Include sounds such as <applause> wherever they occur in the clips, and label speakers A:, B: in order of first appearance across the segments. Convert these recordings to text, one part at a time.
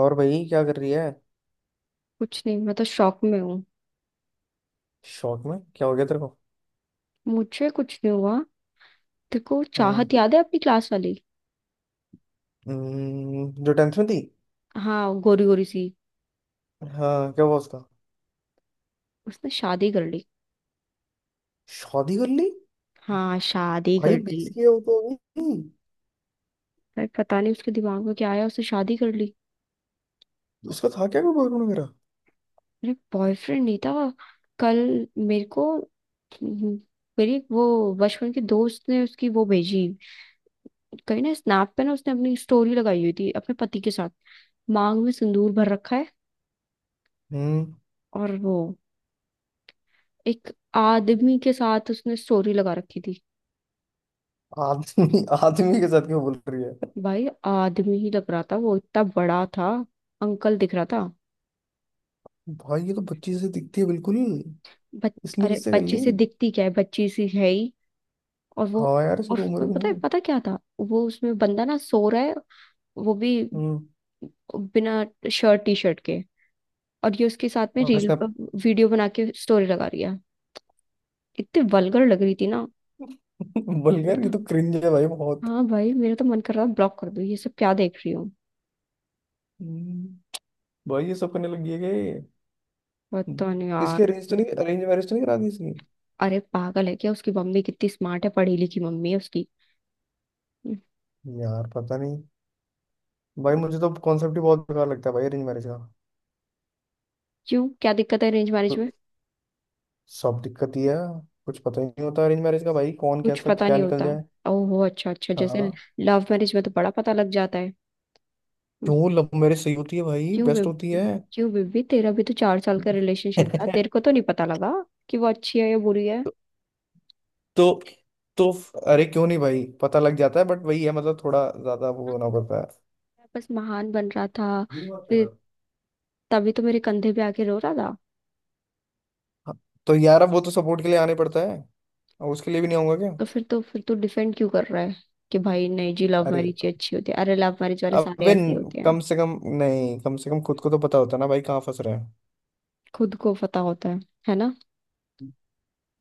A: और भाई क्या कर रही है?
B: कुछ नहीं। मैं तो शॉक में हूँ।
A: शौक में क्या हो गया तेरे को?
B: मुझे कुछ नहीं हुआ। तेरे को चाहत
A: हम्म।
B: याद है अपनी क्लास वाली?
A: जो 10th में थी।
B: हाँ, गोरी गोरी सी।
A: हाँ, क्या हुआ उसका?
B: उसने शादी कर ली।
A: शादी कर ली?
B: हाँ, शादी
A: भाई
B: कर ली।
A: 20 की हो तो अभी।
B: अरे, पता नहीं उसके दिमाग में क्या आया, उसने शादी कर ली।
A: उसका था क्या कोई बॉयफ्रेंड वगैरह?
B: अरे, बॉयफ्रेंड नहीं था। कल मेरे को मेरी वो बचपन के दोस्त ने उसकी वो भेजी। कहीं ना स्नैप पे ना उसने अपनी स्टोरी लगाई हुई थी अपने पति के साथ। मांग में सिंदूर भर रखा है।
A: हम्म।
B: और वो, एक आदमी के साथ उसने स्टोरी लगा रखी थी।
A: आदमी, आदमी के साथ क्यों बोल रही है?
B: भाई, आदमी ही लग रहा था, वो इतना बड़ा था। अंकल दिख रहा था।
A: भाई ये तो बच्ची से दिखती है बिल्कुल ही।
B: बच,
A: इसने
B: अरे,
A: किससे कर ली?
B: बच्ची से दिखती क्या है, बच्ची सी है ही। और वो
A: हाँ यार, इसकी
B: और
A: तो उम्र
B: उसमें
A: भी
B: पता
A: नहीं
B: है,
A: है।
B: पता क्या था, वो उसमें बंदा ना सो रहा है। वो भी,
A: हम्म।
B: बिना शर्ट टी शर्ट के। और ये उसके साथ में
A: और
B: रील
A: इसने <laughs>
B: पर वीडियो बना के स्टोरी लगा रही है। इतनी वल्गर लग रही थी ना। मेरे
A: बल्कि ये
B: तो
A: तो क्रिंज है भाई, बहुत।
B: हाँ भाई, मेरा तो मन कर रहा था ब्लॉक कर दूं, ये सब क्या देख रही हूँ।
A: हम्म, भाई ये सब करने लग गई है कि?
B: पता नहीं यार।
A: किसकी अरेंज मैरिज तो नहीं करा दी इसकी?
B: अरे, पागल है क्या? उसकी मम्मी कितनी स्मार्ट है, पढ़ी लिखी मम्मी है उसकी।
A: यार पता नहीं। भाई मुझे तो कॉन्सेप्ट ही बहुत बेकार लगता है भाई, अरेंज मैरिज का।
B: क्यों, क्या दिक्कत है अरेंज मैरिज
A: तो
B: में?
A: सब दिक्कत ही है। कुछ पता ही नहीं होता अरेंज मैरिज का भाई, कौन
B: कुछ
A: कैसा
B: पता
A: क्या
B: नहीं
A: निकल
B: होता।
A: जाए।
B: ओहो, अच्छा अच्छा, जैसे।
A: हाँ।
B: लव मैरिज में तो बड़ा पता लग जाता है।
A: क्यों, लव मैरिज सही होती है भाई,
B: क्यों
A: बेस्ट होती
B: बेबी
A: है।
B: क्यों बेबी, तेरा भी तो 4 साल का रिलेशनशिप था, तेरे
A: <laughs>
B: को तो नहीं पता लगा कि वो अच्छी है या बुरी है।
A: तो तो तो अरे क्यों नहीं भाई, पता लग जाता है, बट वही है, मतलब थोड़ा ज्यादा वो होना पड़ता है।
B: मैं बस महान बन रहा था।
A: मेरी बात कर रहा
B: फिर
A: हूँ।
B: तभी तो मेरे कंधे पे आके रो रहा था।
A: हाँ। तो यार, अब वो तो सपोर्ट के लिए आने पड़ता है। अब उसके लिए भी नहीं आऊंगा क्या?
B: तो फिर तू डिफेंड क्यों कर रहा है? कि भाई नहीं जी लव
A: अरे,
B: मैरिज ही अच्छी होती है। अरे, लव मैरिज वाले सारे
A: अबे
B: ऐसे ही
A: न-
B: होते हैं।
A: कम से कम, नहीं, कम से कम खुद को तो पता होता है ना भाई, कहाँ फंस रहे हैं।
B: खुद को पता होता है। है ना।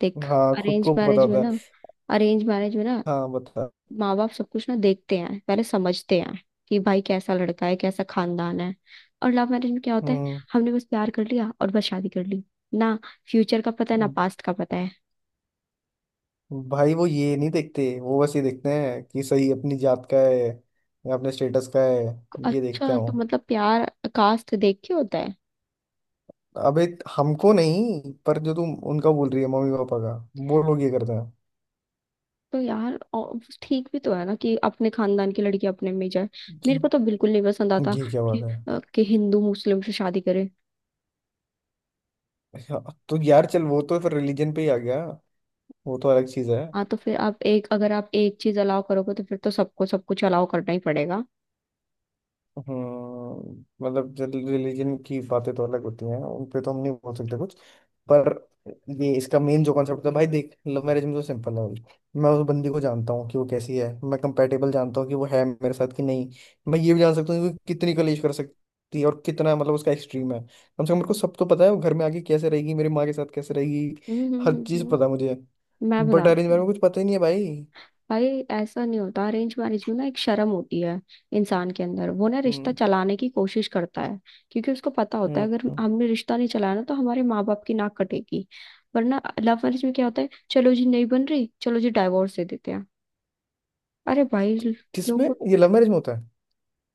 B: देख।
A: हाँ, खुद
B: अरेंज
A: को
B: मैरिज में
A: बताता
B: ना
A: है।
B: अरेंज मैरिज में ना,
A: हाँ बता।
B: माँ बाप सब कुछ ना देखते हैं, पहले समझते हैं। कि भाई कैसा लड़का है, कैसा खानदान है। और लव मैरिज में क्या होता है?
A: हम्म।
B: हमने बस प्यार कर लिया और बस शादी कर ली। ना फ्यूचर का पता है ना पास्ट का पता है।
A: भाई वो ये नहीं देखते, वो बस ये देखते हैं कि सही अपनी जात का है या अपने स्टेटस का है। ये देखते
B: अच्छा,
A: हैं वो।
B: तो मतलब प्यार कास्ट देख के होता है?
A: अबे हमको नहीं, पर जो तुम उनका बोल रही है, मम्मी पापा का, वो लोग ये करते हैं।
B: तो यार, और ठीक भी तो है ना कि अपने खानदान की लड़की अपने में ही जाए। मेरे
A: क्यों?
B: को तो बिल्कुल नहीं पसंद आता
A: ये क्या बात
B: कि,
A: है?
B: अ, कि हिंदू मुस्लिम से शादी करे।
A: अच्छा, तो यार चल, वो तो फिर रिलीजन पे ही आ गया। वो तो अलग चीज है।
B: हाँ तो फिर आप एक अगर आप एक चीज अलाउ करोगे तो फिर तो सबको सब कुछ अलाउ करना ही पड़ेगा।
A: हम्म। मतलब रिलीजन की बातें तो अलग होती हैं, उन पे तो हम नहीं बोल सकते कुछ। पर ये इसका मेन जो कॉन्सेप्ट था भाई, देख, लव मैरिज में तो सिंपल है भाई। मैं उस बंदी को जानता हूँ कि वो कैसी है। मैं कंपेटेबल जानता हूँ कि वो है मेरे साथ कि नहीं। मैं ये भी जान सकता हूँ कि वो कितनी कलेश कर सकती है और कितना, मतलब उसका एक्सट्रीम है। कम से कम मेरे को सब तो पता है, वो घर में आके कैसे रहेगी, मेरी माँ के साथ कैसे रहेगी।
B: हम्म, हम्म,
A: हर
B: हम्म,
A: चीज़ पता है मुझे।
B: मैं
A: बट अरेंज
B: बताती
A: मैरिज
B: हूँ।
A: में कुछ पता ही नहीं है भाई।
B: भाई ऐसा नहीं होता, अरेंज मैरिज में ना एक शर्म होती है इंसान के अंदर, वो ना रिश्ता
A: हम्म।
B: चलाने की कोशिश करता है। क्योंकि उसको पता होता है, अगर
A: हम्म।
B: हमने रिश्ता नहीं चलाया ना तो हमारे माँ बाप की नाक कटेगी। वरना लव मैरिज में क्या होता है? चलो जी नहीं बन रही, चलो जी डाइवोर्स दे देते हैं। अरे भाई।
A: किसमें?
B: लोग।
A: ये लव मैरिज में होता है?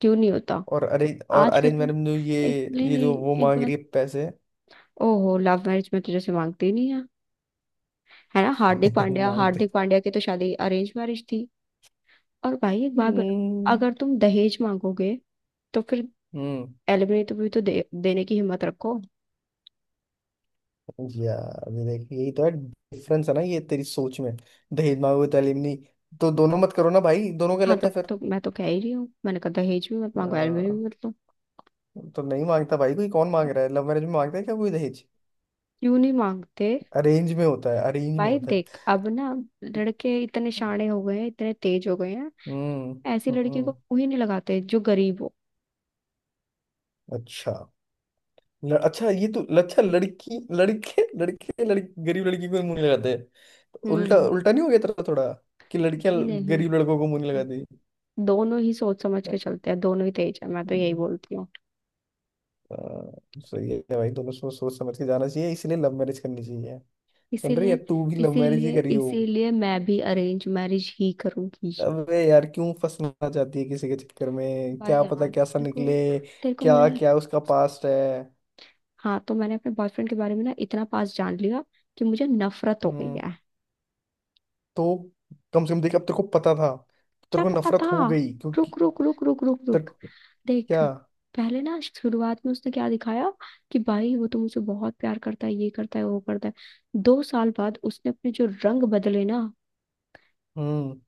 B: क्यों नहीं होता?
A: और
B: आज कल
A: अरेंज
B: के-
A: मैरिज में जो ये
B: एक, नहीं,
A: ये
B: नहीं,
A: जो वो
B: एक
A: मांग
B: बात।
A: रही है, पैसे।
B: ओहो, लव मैरिज में तुझे से मांगते ही नहीं है। है ना, हार्दिक
A: <laughs>
B: पांड्या
A: मांगते।
B: हार्दिक पांड्या की तो शादी अरेंज मैरिज थी। और भाई, एक बात बता,
A: हम्म।
B: अगर तुम दहेज मांगोगे तो फिर
A: हम्म,
B: एलिमनी तो भी तो देने की हिम्मत रखो।
A: यार ये देख, यही तो है डिफरेंस है ना, ये तेरी सोच में। दहेज मांगोगे तो alimony, तो दोनों मत करो ना भाई, दोनों
B: हाँ
A: गलत
B: तो,
A: है फिर।
B: तो मैं तो कह ही रही हूँ, मैंने कहा दहेज भी मत मांगो एलिमनी
A: अ,
B: भी मत लो।
A: तो नहीं मांगता भाई कोई, कौन मांग रहा है, लव मैरिज में मांगता है क्या कोई दहेज?
B: क्यों नहीं मांगते?
A: अरेंज में होता है, अरेंज में
B: भाई
A: होता है।
B: देख अब ना। लड़के इतने शाणे हो गए हैं, इतने तेज हो गए हैं।
A: हम्म।
B: ऐसी लड़की को
A: हम्म।
B: मुंह ही नहीं लगाते जो गरीब हो।
A: अच्छा। अच्छा ये तो, अच्छा, लड़की लड़के, लड़के लड़की, गरीब लड़की को मुंह लगाते? उल्टा
B: हम्म।
A: उल्टा नहीं हो गया तेरा थोड़ा? कि लड़कियां
B: जी नहीं।
A: गरीब लड़कों को मुंह नहीं लगाती?
B: हम्म, दोनों ही सोच समझ के चलते हैं, दोनों ही तेज है, मैं तो यही
A: हैं?
B: बोलती हूँ।
A: आ, सही है भाई, दोनों सोच सोच समझ के जाना चाहिए, इसलिए लव मैरिज करनी चाहिए। सुन रही है
B: इसीलिए
A: तू, भी लव मैरिज ही
B: इसीलिए
A: करी हो।
B: इसीलिए मैं भी अरेंज मैरिज ही करूंगी।
A: अबे यार, क्यों फंसना चाहती है किसी के चक्कर में?
B: भाई
A: क्या पता
B: यार,
A: कैसा
B: तेरे को
A: निकले,
B: तेरे को
A: क्या
B: मेरे
A: क्या उसका पास्ट है।
B: हाँ तो मैंने अपने बॉयफ्रेंड के बारे में ना इतना पास जान लिया कि मुझे नफरत हो गई
A: हम्म।
B: है।
A: तो कम से कम देख, अब तेरे को पता था।
B: क्या
A: तेरे को
B: पता
A: नफरत
B: था?
A: हो गई क्योंकि
B: रुक रुक रुक, रुक रुक
A: तेरे
B: रुक।
A: को।
B: देख।
A: क्या?
B: पहले ना शुरुआत में उसने क्या दिखाया, कि भाई वो तो मुझे बहुत प्यार करता है, ये करता है, वो करता है। 2 साल बाद उसने अपने जो रंग बदले ना।
A: हम्म।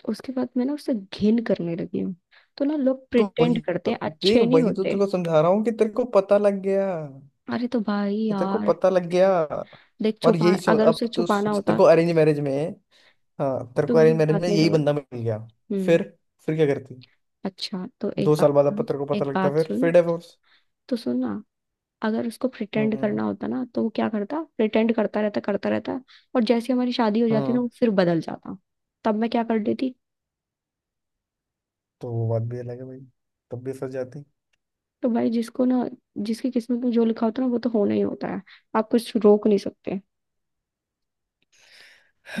B: तो उसके बाद मैं ना उससे घिन करने लगी हूँ। तो ना, लोग
A: तो
B: प्रिटेंड
A: वही
B: करते हैं,
A: देख,
B: अच्छे नहीं
A: वही तो
B: होते।
A: तेरे को समझा रहा हूँ, कि तेरे को पता लग गया,
B: अरे तो भाई
A: कि तेरे को
B: यार।
A: पता लग गया।
B: देख,
A: और
B: छुपा
A: यही सो
B: अगर
A: अब
B: उसे
A: तो
B: छुपाना
A: सोच, तेरे
B: होता
A: को अरेंज मैरिज में। हाँ तेरे
B: तो
A: को
B: मेरी
A: अरेंज मैरिज में
B: बात नहीं
A: यही
B: समझता।
A: बंदा मिल गया?
B: हम्म।
A: फिर, क्या करती?
B: अच्छा, तो एक
A: दो
B: बात
A: साल बाद अब
B: सुन।
A: तेरे को पता
B: एक
A: लगता,
B: बात सुन।
A: फिर डिवोर्स।
B: तो सुन ना। अगर उसको प्रिटेंड
A: हम्म।
B: करना होता ना तो वो क्या करता? प्रिटेंड करता रहता, करता रहता। और जैसे हमारी शादी हो जाती ना,
A: हम्म।
B: वो फिर बदल जाता। तब मैं क्या कर देती?
A: तो वो बात भी अलग है भाई। तब भी फंस जाती।
B: तो भाई, जिसको ना जिसकी किस्मत में जो लिखा होता है ना वो तो होना ही होता है। आप कुछ रोक नहीं सकते।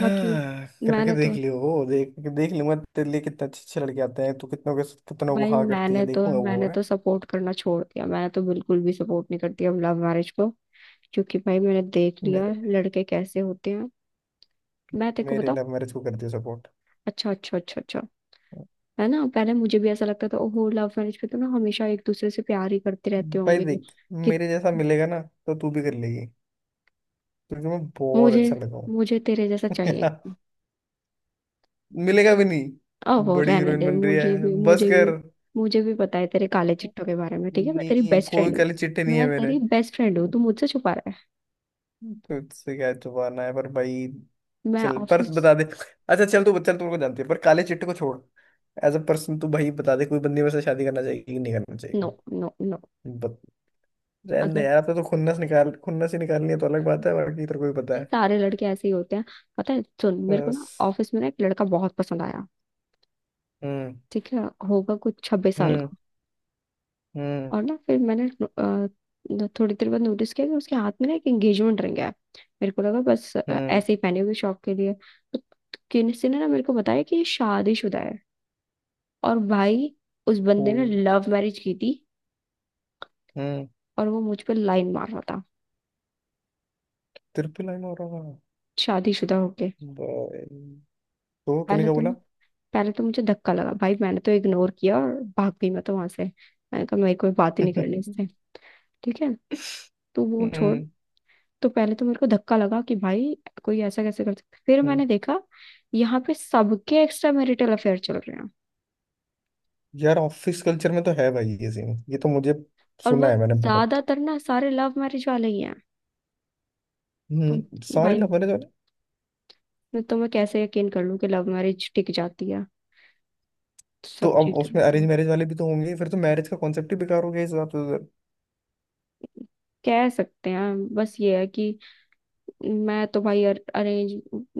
B: बाकी।
A: करके
B: मैंने
A: देख
B: तो
A: लियो वो। देख, देख लूंगा, तेरे लिए कितने अच्छे अच्छे लड़के आते हैं, तू कितनों के, कितनों को
B: भाई
A: हाँ करती है, देखूंगा वो
B: मैंने
A: मैं।
B: तो सपोर्ट करना छोड़ दिया, मैंने तो बिल्कुल भी सपोर्ट नहीं करती अब लव मैरिज को। क्योंकि भाई मैंने देख लिया
A: मेरे
B: लड़के कैसे होते हैं। मैं तेरे को
A: मेरे
B: बताऊं।
A: लव मैरिज को करती है सपोर्ट?
B: अच्छा, अच्छा, अच्छा, अच्छा। है ना, पहले मुझे भी ऐसा लगता था, ओहो लव मैरिज पे तो ना हमेशा एक दूसरे से प्यार ही करते रहते
A: भाई
B: होंगे।
A: देख,
B: कि
A: मेरे जैसा मिलेगा ना तो तू भी कर लेगी, क्योंकि मैं बहुत
B: मुझे
A: अच्छा लगा हूँ।
B: मुझे तेरे जैसा चाहिए।
A: <laughs> मिलेगा भी नहीं,
B: ओहो
A: बड़ी
B: रहने
A: हीरोइन
B: दे,
A: बन रही
B: मुझे
A: है,
B: भी,
A: बस
B: मुझे भी।
A: कर।
B: मुझे भी पता है तेरे काले चिट्ठों के बारे में, ठीक है, मैं तेरी
A: नहीं
B: बेस्ट
A: कोई
B: फ्रेंड हूँ।
A: काले चिट्टे नहीं है
B: मैं
A: मेरे।
B: तेरी बेस्ट फ्रेंड हूँ, तू मुझसे छुपा रहा
A: तुझसे क्या छुपाना है पर भाई?
B: है। मैं
A: चल पर
B: ऑफिस।
A: बता दे, अच्छा चल, तू चल, तू मेरे को जानती है पर, काले चिट्टे को छोड़, एज अ पर्सन तू भाई बता दे, कोई बंदी मेरे से शादी करना चाहिए कि नहीं करना
B: नो,
A: चाहिए?
B: No, no.
A: बत... रहने दे
B: अगर।
A: यार। अब तो खुन्नस निकाल, खुन्नस ही निकालनी है तो अलग बात है, बाकी तेरे को भी पता
B: भाई
A: है।
B: सारे लड़के ऐसे ही होते हैं। पता है, सुन, मेरे को ना
A: बस।
B: ऑफिस में ना एक लड़का बहुत पसंद आया।
A: हम्म।
B: ठीक है। होगा कुछ 26 साल
A: हम्म
B: का।
A: हम्म
B: और ना फिर मैंने थोड़ी देर बाद नोटिस किया कि उसके हाथ में ना एक एंगेजमेंट रिंग है। मेरे को लगा बस
A: हम्म
B: ऐसे ही पहनी होगी शौक के लिए। तो। किसी ने ना मेरे को बताया कि ये शादीशुदा है। और भाई। उस
A: को।
B: बंदे ने लव मैरिज की थी।
A: हम्म।
B: और वो मुझ पर लाइन मार रहा था।
A: तिरपी लाइन हो रहा है
B: शादीशुदा होके।
A: भाई। तो तूने
B: पहले
A: क्या
B: तो
A: बोला?
B: ना पहले तो मुझे धक्का लगा, भाई मैंने तो इग्नोर किया और भाग गई मैं तो वहां से। मैंने कहा मेरी कोई बात ही नहीं करनी इससे।
A: <laughs>
B: ठीक है, तो वो छोड़।
A: हम्म।
B: तो पहले तो मेरे को धक्का लगा कि भाई कोई ऐसा कैसे कर सकता है। फिर
A: हम्म।
B: मैंने देखा। यहाँ पे सबके एक्स्ट्रा मैरिटल अफेयर चल रहे हैं।
A: यार ऑफिस कल्चर में तो है भाई ये सीन, ये तो मुझे
B: और
A: सुना
B: वो,
A: है मैंने बहुत।
B: ज्यादातर ना सारे लव मैरिज वाले ही हैं। तो
A: हम्म, सारे
B: भाई।
A: लव मैरिज वाले।
B: तो मैं कैसे यकीन कर लूँ कि लव मैरिज टिक जाती है? तो
A: तो
B: सब
A: अब
B: चीटर
A: उसमें
B: होते
A: अरेंज
B: हैं।
A: मैरिज वाले भी तो होंगे, फिर तो मैरिज का कॉन्सेप्ट ही बेकार हो गया इस हिसाब से।
B: कह सकते हैं, बस ये है कि मैं तो भाई अरेंज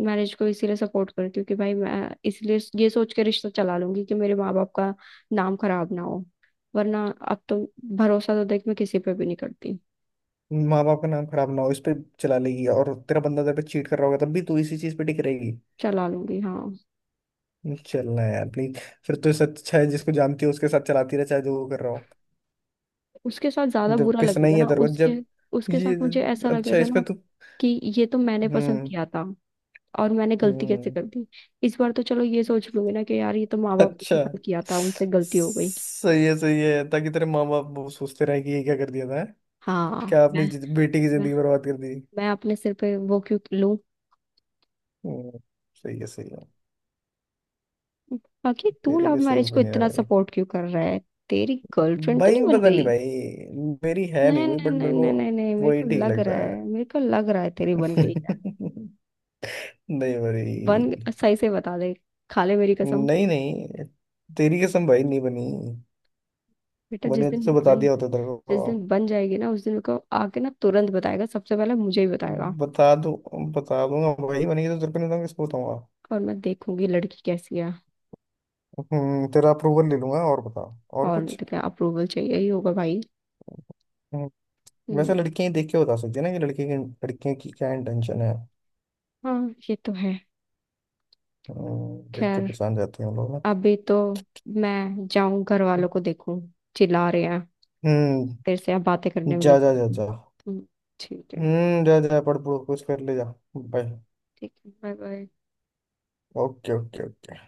B: मैरिज को इसीलिए सपोर्ट करती हूँ कि भाई, मैं इसलिए ये सोच के रिश्ता चला लूंगी कि मेरे माँ बाप का नाम खराब ना हो। वरना। अब तो। भरोसा तो देख मैं किसी पे भी नहीं करती।
A: माँ बाप का नाम खराब ना हो, इस पे चला लेगी, और तेरा बंदा तेरे पे चीट कर रहा होगा तब भी तू इसी चीज पे टिक रहेगी?
B: चला लूंगी, हाँ।
A: चलना है यार प्लीज। फिर तो सच अच्छा है, जिसको जानती है उसके साथ चलाती रहे चाहे जो वो कर रहा हो।
B: उसके साथ ज्यादा
A: जब
B: बुरा
A: पिस
B: लगेगा
A: नहीं है
B: ना,
A: तेरे को,
B: उसके
A: जब
B: उसके
A: ये
B: साथ मुझे ऐसा
A: अच्छा है,
B: लगेगा ना
A: इसमें तो।
B: कि ये तो मैंने पसंद
A: हम्म।
B: किया था। और मैंने गलती कैसे
A: हम्म,
B: कर दी? इस बार तो चलो ये सोच लूंगी ना कि यार, ये तो माँ बाप को
A: अच्छा।
B: पसंद किया था, उनसे गलती हो गई।
A: सही है, सही है, ताकि तेरे माँ बाप वो सोचते रहे कि ये क्या कर दिया था। हैं?
B: हाँ।
A: क्या आपने
B: मैं
A: बेटी की
B: मैं
A: जिंदगी बर्बाद कर दी?
B: मैं अपने सिर पे वो क्यों लूं?
A: हम्म, सही है, सही है।
B: बाकी तू
A: तेरे
B: लव
A: भी सही
B: मैरिज को
A: ओपिनियन है
B: इतना
A: भाई।
B: सपोर्ट क्यों कर रहा है? तेरी गर्लफ्रेंड तो
A: भाई
B: नहीं बन
A: पता नहीं
B: गई?
A: भाई, मेरी है नहीं
B: नहीं,
A: कोई
B: नहीं,
A: बट
B: नहीं,
A: मेरे को
B: नहीं, नहीं, नहीं, मेरे
A: वही
B: को
A: ठीक
B: लग रहा
A: लगता है।
B: है मेरे को लग रहा है तेरी
A: <laughs>
B: बन गई है।
A: नहीं।
B: बन,
A: भाई,
B: सही से बता दे। खा ले मेरी कसम।
A: नहीं नहीं, तेरी कसम भाई नहीं बनी।
B: बेटा,
A: बने तो बता दिया होता तेरे को।
B: जिस दिन बन जाएगी ना उस दिन मेरे को आके ना तुरंत बताएगा, सबसे पहले मुझे ही बताएगा।
A: बता दूं, बता दूंगा भाई, बनेगी तो तेरे को नहीं बताऊंगा, किसको बताऊंगा?
B: और मैं देखूंगी लड़की कैसी है।
A: हम्म, तेरा अप्रूवल ले लूंगा। और बता, और
B: और नहीं
A: कुछ?
B: तो क्या, अप्रूवल चाहिए ही होगा भाई।
A: हम्म, वैसे
B: हम्म।
A: लड़कियां ही देख के बता सकती है ना कि लड़के की, लड़कियों की क्या इंटेंशन है।
B: हाँ ये तो है।
A: देख के
B: खैर।
A: पहचान जाते हैं हम लोग ना।
B: अभी तो। मैं जाऊं, घर वालों को देखूं। चिल्ला रहे हैं।
A: हम्म।
B: तेरे से अब बातें करने में
A: जा
B: लग।
A: जा जा जा।
B: हम्म। ठीक है।
A: हम्म, जा जा पढ़ पढ़ कुछ कर ले जा। बाय।
B: ठीक है, bye bye.
A: Okay okay okay.